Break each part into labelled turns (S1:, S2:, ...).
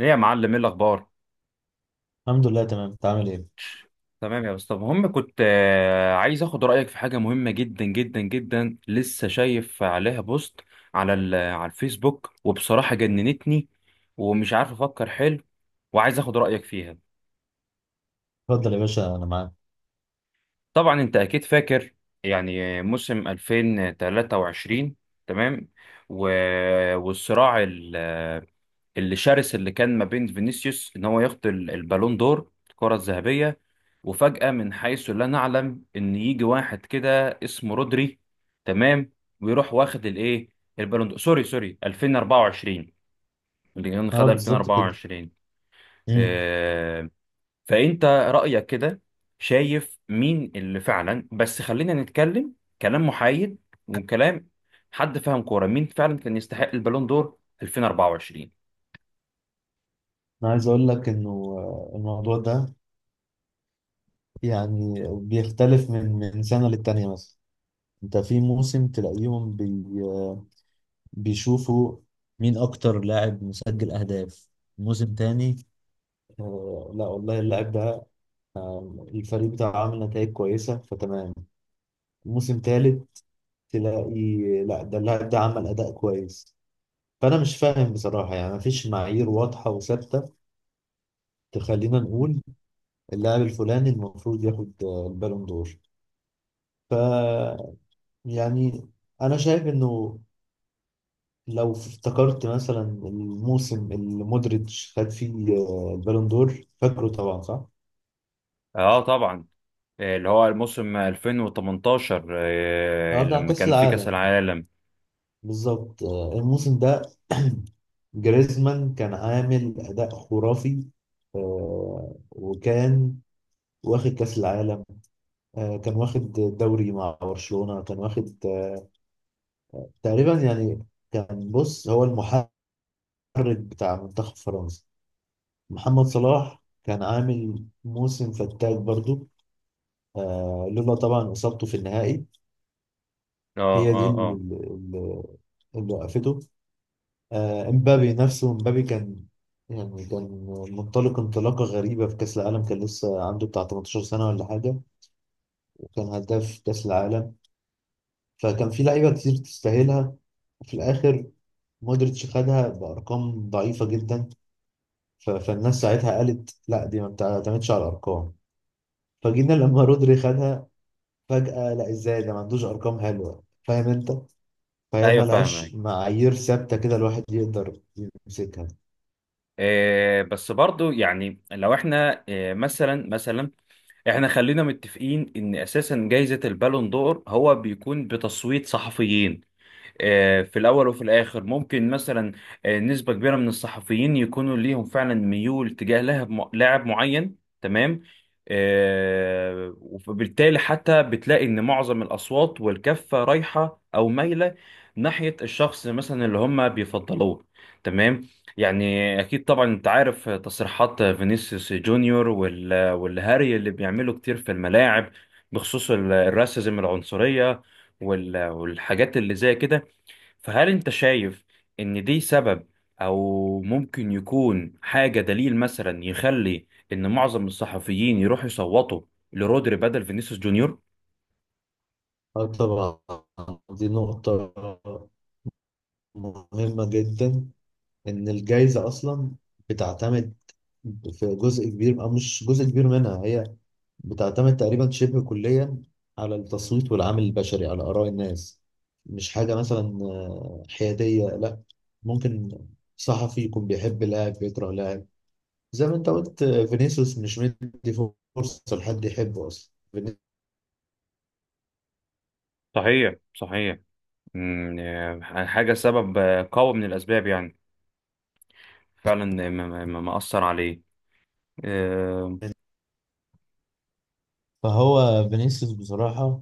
S1: ايه يا معلم؟ ايه الاخبار؟
S2: الحمد لله، تمام. انت عامل ايه؟
S1: تمام يا اسطى. المهم كنت عايز اخد رايك في حاجه مهمه جدا جدا جدا، لسه شايف عليها بوست على الفيسبوك وبصراحه جننتني، ومش عارف افكر حلو، وعايز اخد رايك فيها.
S2: اتفضل يا باشا، انا معاك.
S1: طبعا انت اكيد فاكر، يعني موسم 2023، تمام، و... والصراع اللي شرس اللي كان ما بين فينيسيوس ان هو ياخد البالون دور الكره الذهبيه. وفجأة من حيث لا نعلم ان يجي واحد كده اسمه رودري، تمام، ويروح واخد الايه، البالون دور، سوري سوري، 2024، اللي
S2: اه،
S1: خد
S2: بالظبط
S1: 2024.
S2: كده. امم
S1: آه، فانت رأيك كده، شايف مين اللي فعلا، بس خلينا نتكلم كلام محايد، وكلام حد فاهم كورة، مين فعلا كان يستحق البالون دور 2024؟
S2: انا عايز اقول لك انه الموضوع ده يعني بيختلف من سنه للتانيه مثلا. انت في موسم تلاقيهم بي آه، بيشوفوا مين اكتر لاعب مسجل اهداف. موسم تاني، لا والله، اللاعب ده الفريق بتاعه عامل نتائج كويسه فتمام. موسم تالت تلاقي لا، ده اللاعب ده عمل اداء كويس. فانا مش فاهم بصراحه، يعني مفيش معايير واضحه وثابته تخلينا نقول اللاعب الفلاني المفروض ياخد البالون دور. ف يعني انا شايف انه لو افتكرت مثلا الموسم اللي مودريتش خد فيه البالون دور، فاكره طبعا صح؟
S1: اه طبعا. اللي هو الموسم 2018،
S2: اه، بتاع
S1: لما
S2: كأس
S1: كان في كأس
S2: العالم.
S1: العالم.
S2: بالظبط، الموسم ده جريزمان كان عامل أداء خرافي. وكان واخد كأس العالم، كان واخد دوري مع برشلونة، كان واخد تقريبا يعني كان، بص، هو المحرك، المدرب بتاع منتخب فرنسا. محمد صلاح كان عامل موسم فتاك برضو، آه لولا طبعا إصابته في النهائي.
S1: اه،
S2: هي دي
S1: اه، اه،
S2: اللي اللي وقفته. امبابي نفسه، امبابي كان يعني كان منطلق انطلاقة غريبة في كأس العالم، كان لسه عنده بتاع 18 سنة ولا حاجة، وكان هداف كأس العالم. فكان في لعيبة كتير تستاهلها، وفي الآخر مودريتش خدها بأرقام ضعيفة جدا. فالناس ساعتها قالت لا، دي ما بتعتمدش على الأرقام. فجينا لما رودري خدها فجأة لا، ازاي ده ما عندوش ارقام حلوة، فاهم انت؟ فهي
S1: ايوه،
S2: ملهاش
S1: فاهمك.
S2: معايير ثابتة كده الواحد يقدر يمسكها.
S1: إيه، بس برضو يعني لو احنا إيه، مثلا احنا خلينا متفقين ان اساسا جائزة البالون دور هو بيكون بتصويت صحفيين. في الأول وفي الآخر ممكن مثلا نسبة كبيرة من الصحفيين يكونوا ليهم فعلا ميول تجاه لاعب معين، تمام. وبالتالي حتى بتلاقي إن معظم الأصوات والكفة رايحة أو مايلة ناحية الشخص مثلا اللي هم بيفضلوه، تمام. يعني أكيد طبعا أنت عارف تصريحات فينيسيوس جونيور والهاري اللي بيعملوا كتير في الملاعب، بخصوص الراسيزم، العنصرية، والحاجات اللي زي كده. فهل انت شايف ان دي سبب او ممكن يكون حاجة دليل مثلا يخلي ان معظم الصحفيين يروحوا يصوتوا لرودري بدل فينيسيوس جونيور؟
S2: اه طبعا، دي نقطة مهمة جدا، ان الجايزة اصلا بتعتمد في جزء كبير، أو مش جزء كبير منها، هي بتعتمد تقريبا شبه كليا على التصويت والعامل البشري، على آراء الناس. مش حاجة مثلا حيادية، لا. ممكن صحفي يكون بيحب لاعب بيكره لاعب، زي ما انت قلت، فينيسيوس مش مدي فرصة لحد يحبه أصلا.
S1: صحيح، صحيح. أمم، آه، حاجة، سبب قوي من الأسباب، يعني فعلا مأثر عليه. آه،
S2: فهو فينيسيوس بصراحة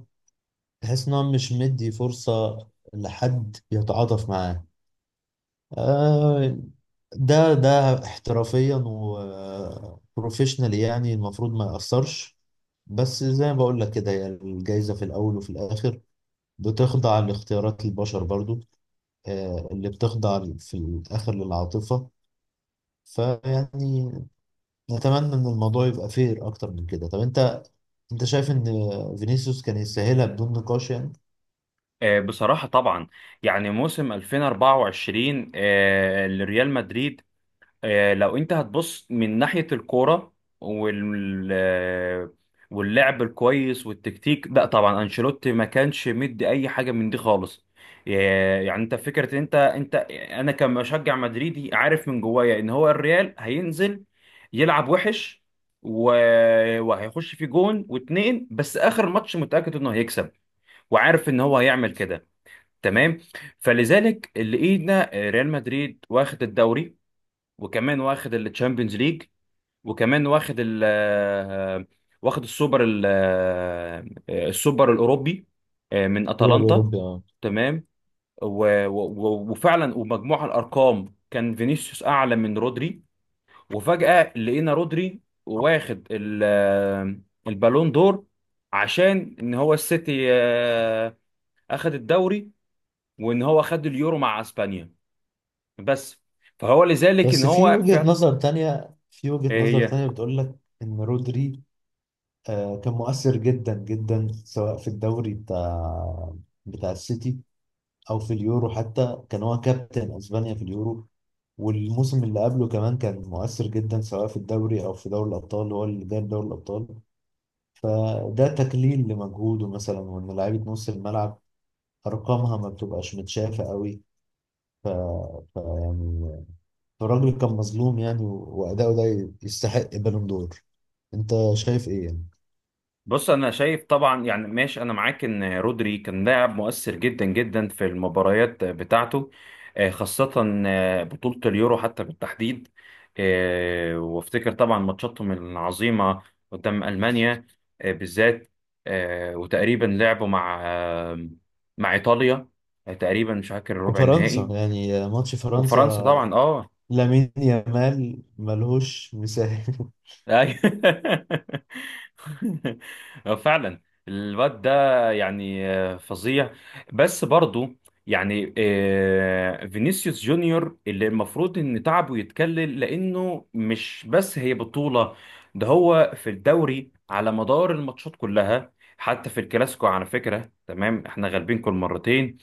S2: تحس إن هو مش مدي فرصة لحد يتعاطف معاه. آه، ده احترافيا وبروفيشنال، يعني المفروض ما يأثرش. بس زي ما بقول لك كده، هي الجايزة في الأول وفي الآخر بتخضع لاختيارات البشر برضو، اللي بتخضع في الآخر للعاطفة. فيعني نتمنى إن الموضوع يبقى فير أكتر من كده. طب أنت شايف إن فينيسيوس كان يستاهلها بدون نقاش يعني؟
S1: بصراحة طبعا، يعني موسم 2024 لريال مدريد، لو انت هتبص من ناحية الكورة وال آه، واللعب الكويس والتكتيك، لا طبعا انشيلوتي ما كانش مدي اي حاجة من دي خالص. يعني انت فكرة انت انا كمشجع مدريدي، عارف من جوايا ان هو الريال هينزل يلعب وحش، و... وهيخش في جون واتنين بس اخر ماتش متأكد انه هيكسب، وعارف ان هو هيعمل كده، تمام. فلذلك لقينا ريال مدريد واخد الدوري، وكمان واخد التشامبيونز ليج، وكمان واخد السوبر السوبر الاوروبي من
S2: الدوري
S1: اتلانتا،
S2: الأوروبي، اه.
S1: تمام. و- و- وفعلا ومجموع الارقام كان فينيسيوس اعلى من رودري. وفجأة لقينا رودري واخد البالون دور عشان ان هو السيتي اخد الدوري، وان هو خد اليورو مع اسبانيا، بس. فهو لذلك ان
S2: بس في
S1: هو
S2: وجهة
S1: فعلا.
S2: نظر تانية، في وجهة نظر
S1: آه،
S2: تانية بتقول لك إن رودري كان مؤثر جدا جدا سواء في الدوري بتاع السيتي، او في اليورو. حتى كان هو كابتن اسبانيا في اليورو. والموسم اللي قبله كمان كان مؤثر جدا سواء في الدوري او في دوري الابطال، هو اللي جاب دوري الابطال. فده تكليل لمجهوده مثلا، وان لعيبه نص الملعب ارقامها ما بتبقاش متشافه قوي. ف... يعني الراجل كان مظلوم يعني، واداؤه ده يستحق بالون دور. انت شايف ايه يعني؟
S1: بص، انا شايف طبعا، يعني ماشي، انا معاك ان رودري كان لاعب مؤثر جدا جدا في المباريات بتاعته. خاصة بطولة اليورو حتى بالتحديد، وافتكر طبعا ماتشاتهم العظيمة قدام ألمانيا، بالذات، وتقريبا لعبوا مع إيطاليا، تقريبا مش فاكر الربع
S2: وفرنسا،
S1: النهائي.
S2: يعني ماتش
S1: وفرنسا
S2: فرنسا،
S1: طبعا، اه.
S2: لامين يامال ملهوش مثال.
S1: أيوة. هو فعلا الواد ده يعني فظيع. بس برضو يعني فينيسيوس جونيور اللي المفروض ان تعبه يتكلل، لانه مش بس هي بطولة، ده هو في الدوري على مدار الماتشات كلها، حتى في الكلاسيكو على فكرة، تمام احنا غالبين كل مرتين.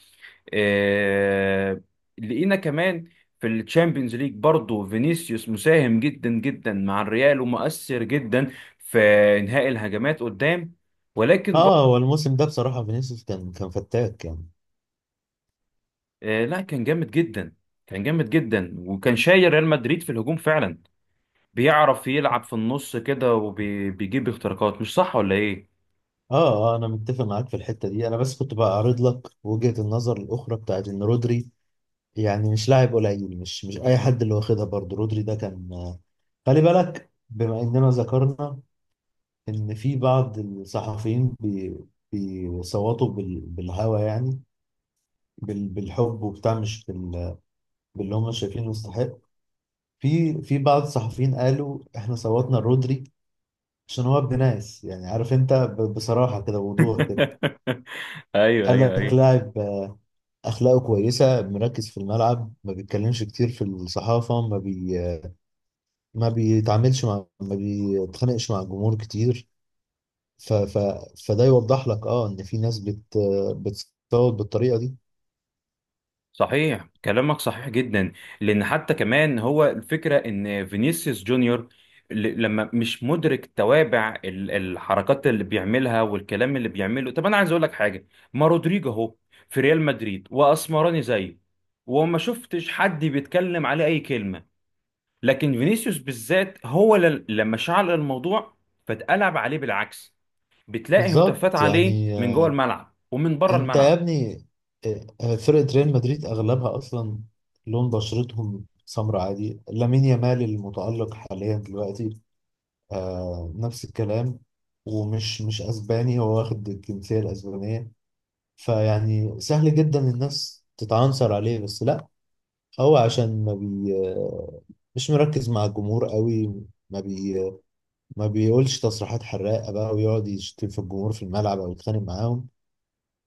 S1: آه، لقينا كمان في الشامبيونز ليج برضه فينيسيوس مساهم جدا جدا مع الريال، ومؤثر جدا في انهاء الهجمات قدام. ولكن
S2: اه،
S1: برضه.
S2: هو الموسم ده بصراحة فينيسيوس كان فتاك يعني.
S1: لا، كان جامد جدا، كان جامد جدا، وكان شايل ريال مدريد في الهجوم فعلا. بيعرف يلعب في النص كده وبيجيب اختراقات، مش صح ولا ايه؟
S2: اه اه، انا متفق معاك في الحتة دي. انا بس كنت بعرض لك وجهة النظر الاخرى بتاعت ان رودري يعني مش لاعب قليل، مش اي حد اللي واخدها. برضه رودري ده كان، خلي بالك بما اننا ذكرنا ان في بعض الصحفيين بيصوتوا بالهوى يعني، بالحب وبتاع، مش باللي هم شايفينه يستحق. في بعض الصحفيين قالوا احنا صوتنا رودري عشان هو ابن ناس، يعني عارف انت، بصراحة كده ووضوح كده،
S1: ايوه،
S2: قال
S1: ايوه،
S2: لك
S1: ايوه،
S2: لاعب اخلاقه كويسة، مركز في الملعب، ما بيتكلمش كتير في الصحافة، ما بي آه، ما بيتخانقش مع الجمهور كتير. ف ف فده يوضح لك، اه، ان في ناس بت آه، بتصوت بالطريقة دي.
S1: صحيح، كلامك صحيح جدا. لان حتى كمان هو الفكره ان فينيسيوس جونيور، لما مش مدرك توابع الحركات اللي بيعملها والكلام اللي بيعمله. طب انا عايز اقول لك حاجه، ما رودريجو اهو في ريال مدريد واسمراني زيه، وما شفتش حد بيتكلم عليه اي كلمه. لكن فينيسيوس بالذات هو لما شعل الموضوع، فاتقلب عليه بالعكس. بتلاقي هتافات
S2: بالظبط،
S1: عليه
S2: يعني،
S1: من جوه الملعب ومن بره
S2: انت يا
S1: الملعب.
S2: ابني، فرقة ريال مدريد اغلبها اصلا لون بشرتهم سمراء، عادي. لامين يامال المتألق حاليا دلوقتي، آه، نفس الكلام، ومش مش اسباني، هو واخد الجنسية الاسبانية. فيعني سهل جدا الناس تتعنصر عليه، بس لا، هو عشان ما بي آه، مش مركز مع الجمهور قوي، ما بي ما بيقولش تصريحات حراقة، بقى، ويقعد يشتم في الجمهور في الملعب او يتخانق معاهم.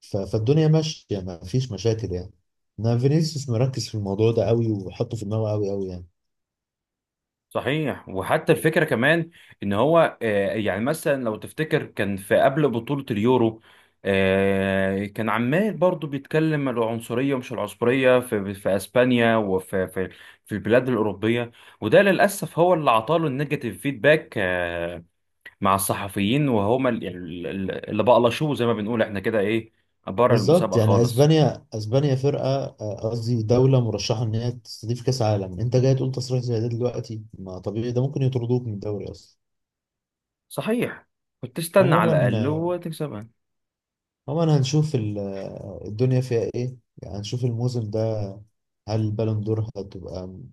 S2: فالدنيا ماشية، ما فيش مشاكل يعني. انا فينيسيوس مركز في الموضوع ده قوي، وحطه في دماغه قوي قوي يعني.
S1: صحيح، وحتى الفكرة كمان ان هو يعني مثلا لو تفتكر كان في قبل بطولة اليورو، كان عمال برضو بيتكلم العنصرية ومش العنصرية في اسبانيا، وفي في, في البلاد الأوروبية. وده للأسف هو اللي عطاله النيجاتيف فيدباك، مع الصحفيين، وهما اللي بقلشوه زي ما بنقول احنا كده، ايه، بره
S2: بالظبط،
S1: المسابقة
S2: يعني
S1: خالص.
S2: اسبانيا فرقة، قصدي دولة مرشحة ان هي تستضيف كاس عالم، انت جاي تقول تصريح زي ده دلوقتي؟ ما طبيعي ده ممكن يطردوك من الدوري اصلا.
S1: صحيح. كنت تستنى على
S2: عموما
S1: الأقل
S2: آه،
S1: وتكسبها.
S2: عموما هنشوف الدنيا فيها ايه يعني. هنشوف الموسم ده هل البالون دور هتبقى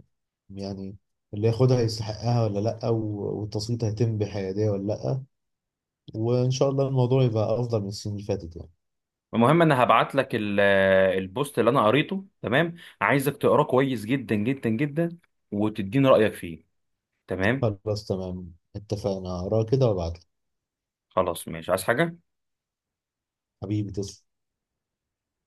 S2: يعني اللي ياخدها يستحقها ولا لا، والتصويت هيتم بحيادية ولا لا. وإن شاء الله الموضوع يبقى أفضل من السنين اللي فاتت يعني.
S1: المهم انا هبعت لك البوست اللي انا قريته، تمام، عايزك تقراه كويس جدا جدا جدا وتديني رأيك فيه، تمام.
S2: خلاص، تمام، اتفقنا. أقرأ كده وأبعتلك.
S1: خلاص، ماشي، عايز حاجة؟
S2: حبيبي، تسلم.